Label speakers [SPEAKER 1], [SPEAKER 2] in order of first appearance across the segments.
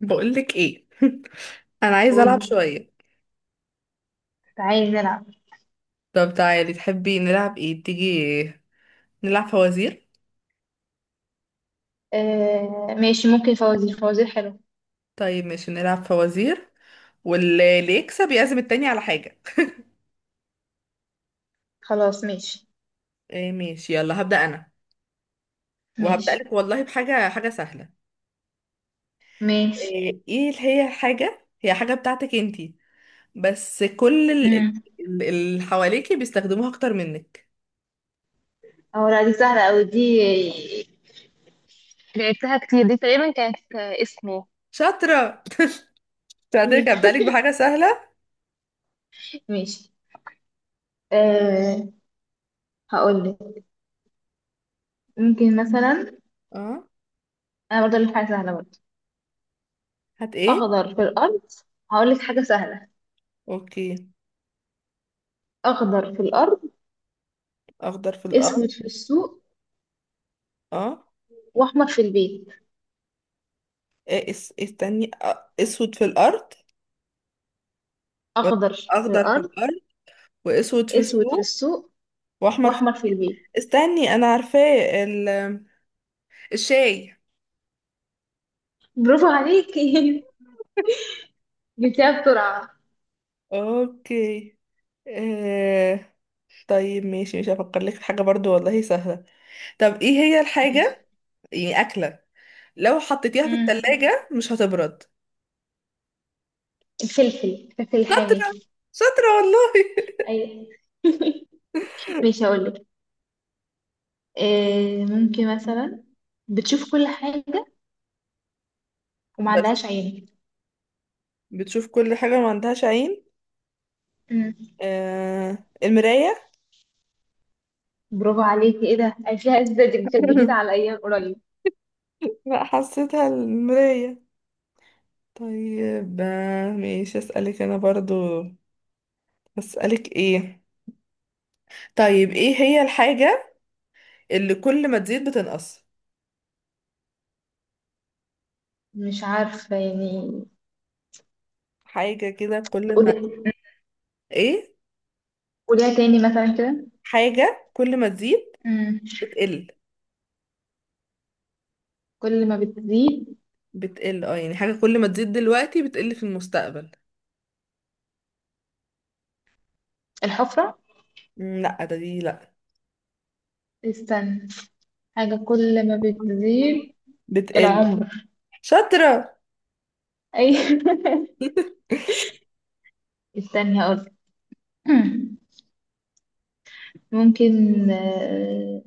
[SPEAKER 1] بقولك ايه؟ انا عايزه العب
[SPEAKER 2] قولي.
[SPEAKER 1] شويه.
[SPEAKER 2] كنت عايز ألعب.
[SPEAKER 1] طب تعالي، تحبي نلعب ايه؟ تيجي نلعب فوازير.
[SPEAKER 2] آه، ماشي، ممكن فوازير. فوازير حلو.
[SPEAKER 1] طيب ماشي، نلعب فوازير، واللي يكسب يعزم التاني على حاجه.
[SPEAKER 2] خلاص ماشي.
[SPEAKER 1] إيه ماشي، يلا هبدا انا وهبدا
[SPEAKER 2] ماشي.
[SPEAKER 1] لك والله بحاجه حاجه سهله.
[SPEAKER 2] ماشي.
[SPEAKER 1] ايه؟ إيه اللي هي حاجه، هي حاجه بتاعتك انتي بس كل
[SPEAKER 2] امم
[SPEAKER 1] اللي حواليكي بيستخدموها اكتر منك.
[SPEAKER 2] اه، لا، دي سهلة أوي دي. لعبتها كتير، دي تقريبا كانت اسمه.
[SPEAKER 1] شاطره،
[SPEAKER 2] أيوة.
[SPEAKER 1] شاطرك. هبدا لك بحاجه سهله.
[SPEAKER 2] ماشي. آه هقولك. ممكن مثلا.
[SPEAKER 1] اه،
[SPEAKER 2] أنا برضه أقولك حاجة سهلة برضه.
[SPEAKER 1] هات ايه.
[SPEAKER 2] أخضر في الأرض. هقولك حاجة سهلة.
[SPEAKER 1] اوكي.
[SPEAKER 2] أخضر في الأرض،
[SPEAKER 1] اخضر في الارض.
[SPEAKER 2] أسود في السوق،
[SPEAKER 1] اه.
[SPEAKER 2] وأحمر في البيت.
[SPEAKER 1] إيه استني، اسود في الارض؟
[SPEAKER 2] أخضر في
[SPEAKER 1] واخضر في
[SPEAKER 2] الأرض،
[SPEAKER 1] الارض، واسود في
[SPEAKER 2] أسود في
[SPEAKER 1] السوق،
[SPEAKER 2] السوق،
[SPEAKER 1] واحمر في...
[SPEAKER 2] وأحمر في البيت.
[SPEAKER 1] استني انا عارفاه، ال... الشاي.
[SPEAKER 2] برافو عليكي. جبتها بسرعة.
[SPEAKER 1] اوكي. آه... طيب ماشي، مش هفكر لك في حاجة برضو والله سهلة. طب ايه هي
[SPEAKER 2] ماشي.
[SPEAKER 1] الحاجة؟ يعني اكلة لو حطيتيها في
[SPEAKER 2] امم
[SPEAKER 1] التلاجة مش هتبرد.
[SPEAKER 2] الفلفل. الفلفل الحامي.
[SPEAKER 1] شاطرة، شاطرة والله.
[SPEAKER 2] ايوه. ماشي، اقول لك إيه. ممكن مثلا بتشوف كل حاجة وما
[SPEAKER 1] بشوف.
[SPEAKER 2] عندهاش عين.
[SPEAKER 1] بتشوف كل حاجة ما عندهاش عين.
[SPEAKER 2] امم
[SPEAKER 1] المراية.
[SPEAKER 2] برافو عليكي. ايه ده، عايشاها ازاي؟ دي كانت جديدة على ايام قريب.
[SPEAKER 1] لا حسيتها المراية. طيب، ماشي اسألك انا برضو. اسألك ايه؟ طيب، ايه هي الحاجة اللي كل ما تزيد بتنقص؟
[SPEAKER 2] مش عارفة يعني.
[SPEAKER 1] حاجة كده
[SPEAKER 2] طب
[SPEAKER 1] كل
[SPEAKER 2] قولي.
[SPEAKER 1] ما... ايه؟
[SPEAKER 2] قوليها تاني مثلا كده.
[SPEAKER 1] حاجة كل ما تزيد
[SPEAKER 2] امم
[SPEAKER 1] بتقل.
[SPEAKER 2] كل ما بتزيد.
[SPEAKER 1] بتقل. اه، يعني حاجة كل ما تزيد دلوقتي بتقل في المستقبل.
[SPEAKER 2] الحفرة.
[SPEAKER 1] مم، لا ده دي لا.
[SPEAKER 2] استنى، حاجة كل ما بتزيد.
[SPEAKER 1] بتقل.
[SPEAKER 2] العمر.
[SPEAKER 1] شاطرة.
[SPEAKER 2] اي. استني، اقول ممكن.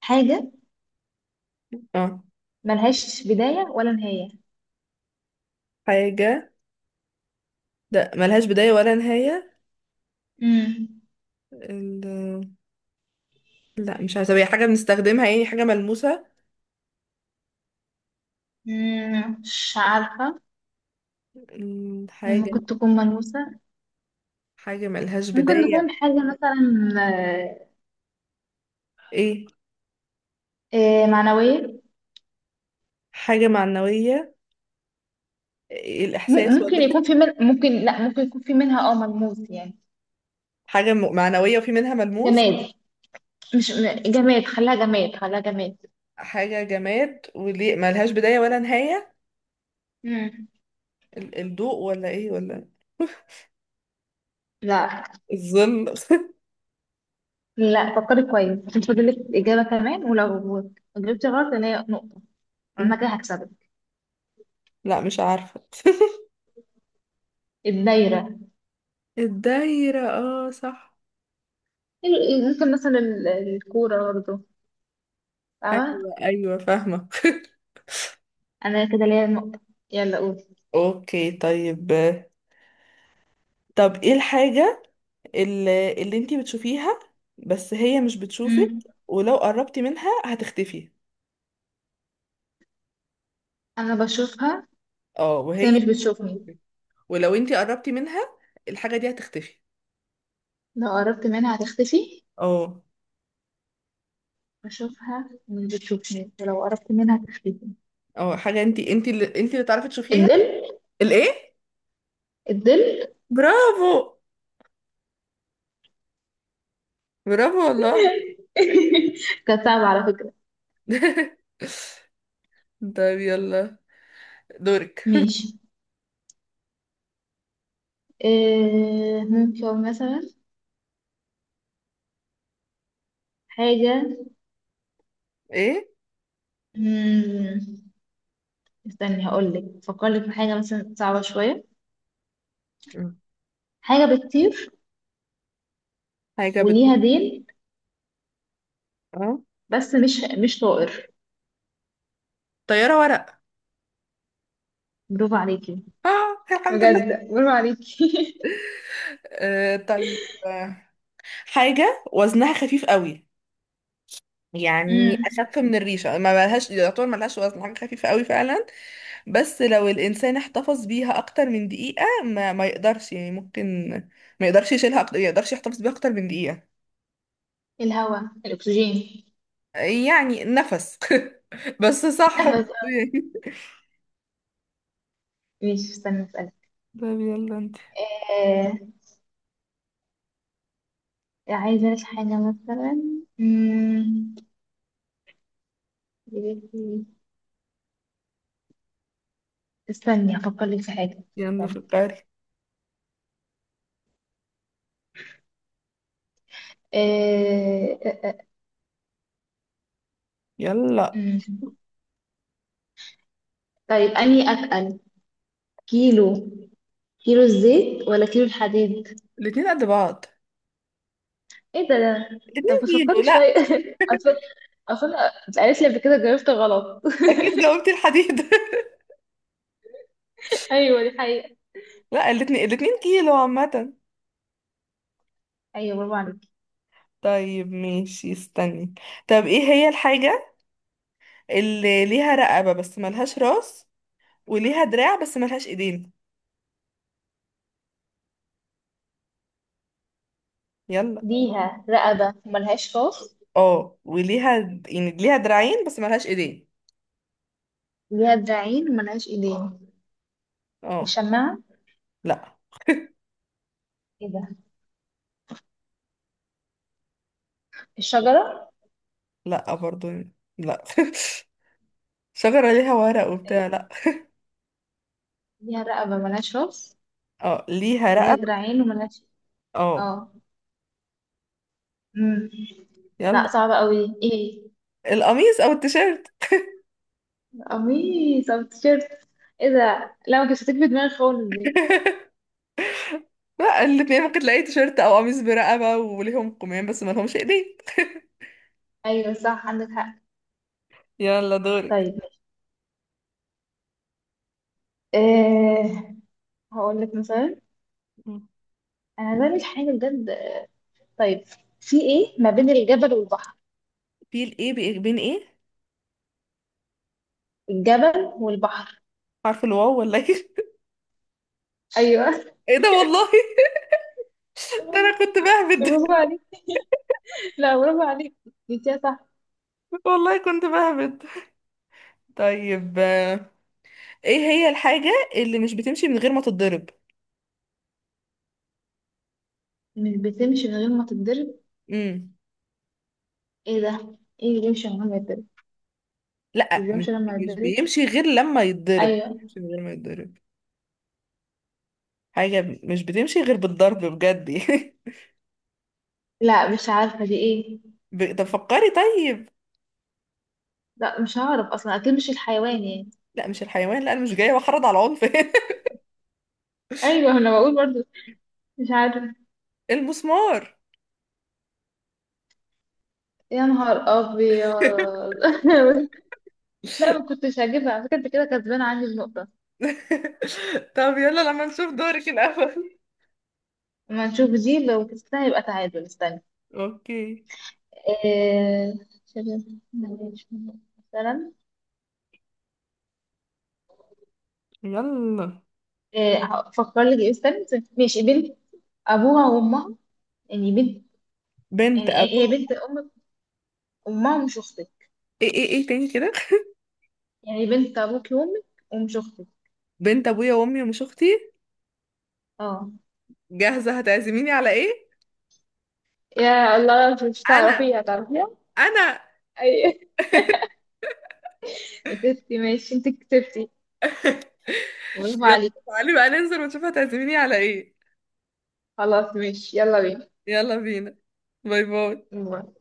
[SPEAKER 2] حاجة
[SPEAKER 1] اه،
[SPEAKER 2] ملهاش بداية ولا نهاية.
[SPEAKER 1] حاجة ده ملهاش بداية ولا نهاية.
[SPEAKER 2] مم.
[SPEAKER 1] ال... لا مش عارفة، طب هي حاجة بنستخدمها؟ يعني حاجة ملموسة؟
[SPEAKER 2] مش عارفة.
[SPEAKER 1] مم، حاجة،
[SPEAKER 2] ممكن تكون ملموسة.
[SPEAKER 1] حاجة ملهاش
[SPEAKER 2] ممكن
[SPEAKER 1] بداية.
[SPEAKER 2] تكون حاجة مثلا
[SPEAKER 1] ايه؟
[SPEAKER 2] معنوية.
[SPEAKER 1] حاجة معنوية؟ الإحساس
[SPEAKER 2] ممكن
[SPEAKER 1] ولا؟
[SPEAKER 2] يكون في من، ممكن لا، ممكن يكون في منها ملموس يعني.
[SPEAKER 1] حاجة معنوية وفي منها ملموس.
[SPEAKER 2] جماد. مش جماد، خليها جماد، خليها جماد.
[SPEAKER 1] حاجة جماد وليه ملهاش بداية ولا نهاية.
[SPEAKER 2] مم.
[SPEAKER 1] الضوء ولا إيه ولا
[SPEAKER 2] لا.
[SPEAKER 1] الظل؟
[SPEAKER 2] لا، فكري كويس عشان فاضلك إجابة كمان، ولو جبتي غلط اللي هي نقطة، أنا كده هكسبك.
[SPEAKER 1] لا مش عارفة.
[SPEAKER 2] الدايرة.
[SPEAKER 1] الدايرة، اه صح.
[SPEAKER 2] ممكن مثلا الكورة برضه. فاهمة.
[SPEAKER 1] أيوة أيوة فاهمة.
[SPEAKER 2] أنا كده ليا نقطة. يلا قول.
[SPEAKER 1] أوكي طيب. طب إيه الحاجة اللي أنتي بتشوفيها بس هي مش بتشوفك،
[SPEAKER 2] امم
[SPEAKER 1] ولو قربتي منها هتختفي؟
[SPEAKER 2] أنا بشوفها،
[SPEAKER 1] اه،
[SPEAKER 2] بس هي
[SPEAKER 1] وهي
[SPEAKER 2] مش بتشوفني،
[SPEAKER 1] بتشوفك، ولو أنتي قربتي منها الحاجة دي هتختفي.
[SPEAKER 2] لو قربت منها هتختفي.
[SPEAKER 1] اه.
[SPEAKER 2] بشوفها، مش بتشوفني، ولو قربت منها هتختفي.
[SPEAKER 1] اه، حاجة انت اللي تعرفي تشوفيها.
[SPEAKER 2] الظل.
[SPEAKER 1] الايه؟
[SPEAKER 2] الظل.
[SPEAKER 1] برافو، برافو والله.
[SPEAKER 2] كانت صعبة على فكرة.
[SPEAKER 1] طيب يلا، دورك.
[SPEAKER 2] ماشي. إيه ممكن مثلا حاجة.
[SPEAKER 1] ايه؟
[SPEAKER 2] مم، استني هقولك، فكرلك في حاجة مثلا صعبة شوية.
[SPEAKER 1] مم.
[SPEAKER 2] حاجة بتطير
[SPEAKER 1] حاجة بت
[SPEAKER 2] وليها ديل،
[SPEAKER 1] اه،
[SPEAKER 2] بس مش طائر.
[SPEAKER 1] طيارة ورق.
[SPEAKER 2] برافو عليكي.
[SPEAKER 1] اه الحمد لله.
[SPEAKER 2] بجد برافو عليكي.
[SPEAKER 1] طيب، حاجة وزنها خفيف قوي،
[SPEAKER 2] امم
[SPEAKER 1] يعني أخف من الريشة، ما لهاش يعتبر ما لهاش وزن، حاجة خفيفة قوي فعلا، بس لو الإنسان احتفظ بيها أكتر من دقيقة ما يقدرش، يعني ممكن ما يقدرش يشيلها أكتر، ما يقدرش يحتفظ بيها أكتر من دقيقة.
[SPEAKER 2] الهواء، الاكسجين،
[SPEAKER 1] يعني نفس. بس صح برضه
[SPEAKER 2] النفس.
[SPEAKER 1] يعني.
[SPEAKER 2] ماشي، استنى اسالك.
[SPEAKER 1] طيب يلا انت.
[SPEAKER 2] آه عايزه لك حاجه مثلا. امم استني افكر لك في حاجه.
[SPEAKER 1] يلا
[SPEAKER 2] استني.
[SPEAKER 1] فكري.
[SPEAKER 2] آه آه، آه،
[SPEAKER 1] يلا.
[SPEAKER 2] مم. طيب، اني اتقل؟ كيلو كيلو الزيت ولا كيلو الحديد؟
[SPEAKER 1] الاتنين قد بعض.
[SPEAKER 2] ايه ده؟ طب
[SPEAKER 1] الاتنين.
[SPEAKER 2] بس
[SPEAKER 1] كيلو؟
[SPEAKER 2] فكري
[SPEAKER 1] لا.
[SPEAKER 2] شويه. اصل اصل اتقالت لي قبل كده، جاوبت غلط.
[SPEAKER 1] اكيد جاوبتي الحديد.
[SPEAKER 2] ايوه، دي حقيقه.
[SPEAKER 1] لا، الاتنين الاتنين كيلو عامة.
[SPEAKER 2] ايوه، برافو عليكي.
[SPEAKER 1] طيب ماشي استني. طب ايه هي الحاجة اللي ليها رقبة بس ملهاش راس، وليها دراع بس ملهاش ايدين؟ يلا.
[SPEAKER 2] ليها رقبة ملهاش راس.
[SPEAKER 1] اه، وليها، يعني ليها دراعين بس ملهاش ايدين.
[SPEAKER 2] ليها دراعين ملهاش ايدين.
[SPEAKER 1] اه.
[SPEAKER 2] الشماعة.
[SPEAKER 1] لا.
[SPEAKER 2] ايه ده. الشجرة.
[SPEAKER 1] لا برضه، لا. شجرة ليها ورق وبتاع،
[SPEAKER 2] إيه.
[SPEAKER 1] لا.
[SPEAKER 2] ليها رقبة ملهاش راس،
[SPEAKER 1] اه، ليها
[SPEAKER 2] ولها
[SPEAKER 1] رقبة.
[SPEAKER 2] دراعين وملهاش.
[SPEAKER 1] اه.
[SPEAKER 2] اه. امم لا،
[SPEAKER 1] يلا.
[SPEAKER 2] صعبة قوي. ايه،
[SPEAKER 1] القميص او التيشيرت.
[SPEAKER 2] قميص او تيشيرت. ايه ده، لا ما كنتش هتيجي في دماغي خالص دي.
[SPEAKER 1] لا، الاتنين، ممكن تلاقي تيشيرت او قميص برقبة وليهم قمام بس ما لهمش ايدين.
[SPEAKER 2] ايوه صح، عندك حق.
[SPEAKER 1] يلا دورك.
[SPEAKER 2] طيب، إيه، هقول لك مثلا. انا بعمل حاجة بجد. طيب، في ايه ما بين الجبل والبحر؟
[SPEAKER 1] في الايه؟ بين ايه؟
[SPEAKER 2] الجبل والبحر.
[SPEAKER 1] عارف الواو ولا ايه؟
[SPEAKER 2] ايوه.
[SPEAKER 1] ايه ده والله. ده انا
[SPEAKER 2] والله
[SPEAKER 1] كنت بهبد.
[SPEAKER 2] برافو عليك. لا، برافو عليك، جبتيها صح.
[SPEAKER 1] والله كنت بهبد. طيب، ايه هي الحاجة اللي مش بتمشي من غير ما تتضرب؟
[SPEAKER 2] مش بتمشي من غير ما تتضرب.
[SPEAKER 1] امم.
[SPEAKER 2] ايه ده. ايه اللي بيمشي من غير ما يتضرب؟ مش
[SPEAKER 1] لا
[SPEAKER 2] بيمشي
[SPEAKER 1] مش
[SPEAKER 2] لما
[SPEAKER 1] مش
[SPEAKER 2] يتضرب.
[SPEAKER 1] بيمشي غير لما يتضرب، مش
[SPEAKER 2] ايوه.
[SPEAKER 1] بيمشي من غير ما يتضرب. حاجة مش بتمشي غير بالضرب بجد.
[SPEAKER 2] لا، مش عارفه دي ايه.
[SPEAKER 1] طب فكري طيب.
[SPEAKER 2] لا، مش هعرف اصلا، اكيد مش الحيوان يعني.
[SPEAKER 1] لا مش الحيوان، لا، انا مش جايه بحرض على العنف.
[SPEAKER 2] ايوه، انا بقول برضو. مش عارفه.
[SPEAKER 1] المسمار.
[SPEAKER 2] يا نهار ابيض. لا، ما كنتش هجيبها على فكره، انت كده كسبان عندي النقطه.
[SPEAKER 1] طب يلا لما نشوف دورك الأول.
[SPEAKER 2] اما نشوف دي، لو كسبتها يبقى تعادل. استنى.
[SPEAKER 1] اوكي.
[SPEAKER 2] إيه، شباب، معلش. مثلا.
[SPEAKER 1] يلا.
[SPEAKER 2] إيه، هفكر لك. إيه، استنى استنى. ماشي، بنت ابوها وامها، يعني بنت،
[SPEAKER 1] بنت
[SPEAKER 2] يعني
[SPEAKER 1] ابو
[SPEAKER 2] هي بنت امك امها ومش اختك،
[SPEAKER 1] ايه تاني كده؟
[SPEAKER 2] يعني بنت ابوك وامك ومش اختك.
[SPEAKER 1] بنت ابويا وامي ومش اختي.
[SPEAKER 2] اه.
[SPEAKER 1] جاهزه، هتعزميني على ايه؟
[SPEAKER 2] يا الله، مش
[SPEAKER 1] انا
[SPEAKER 2] تعرفيها، تعرفيها.
[SPEAKER 1] انا.
[SPEAKER 2] اي. كتبتي، ماشي، انت كتبتي. برافو
[SPEAKER 1] يلا
[SPEAKER 2] عليك.
[SPEAKER 1] تعالي بقى ننزل ونشوف هتعزميني على ايه.
[SPEAKER 2] خلاص ماشي، يلا
[SPEAKER 1] يلا بينا. باي باي.
[SPEAKER 2] بينا.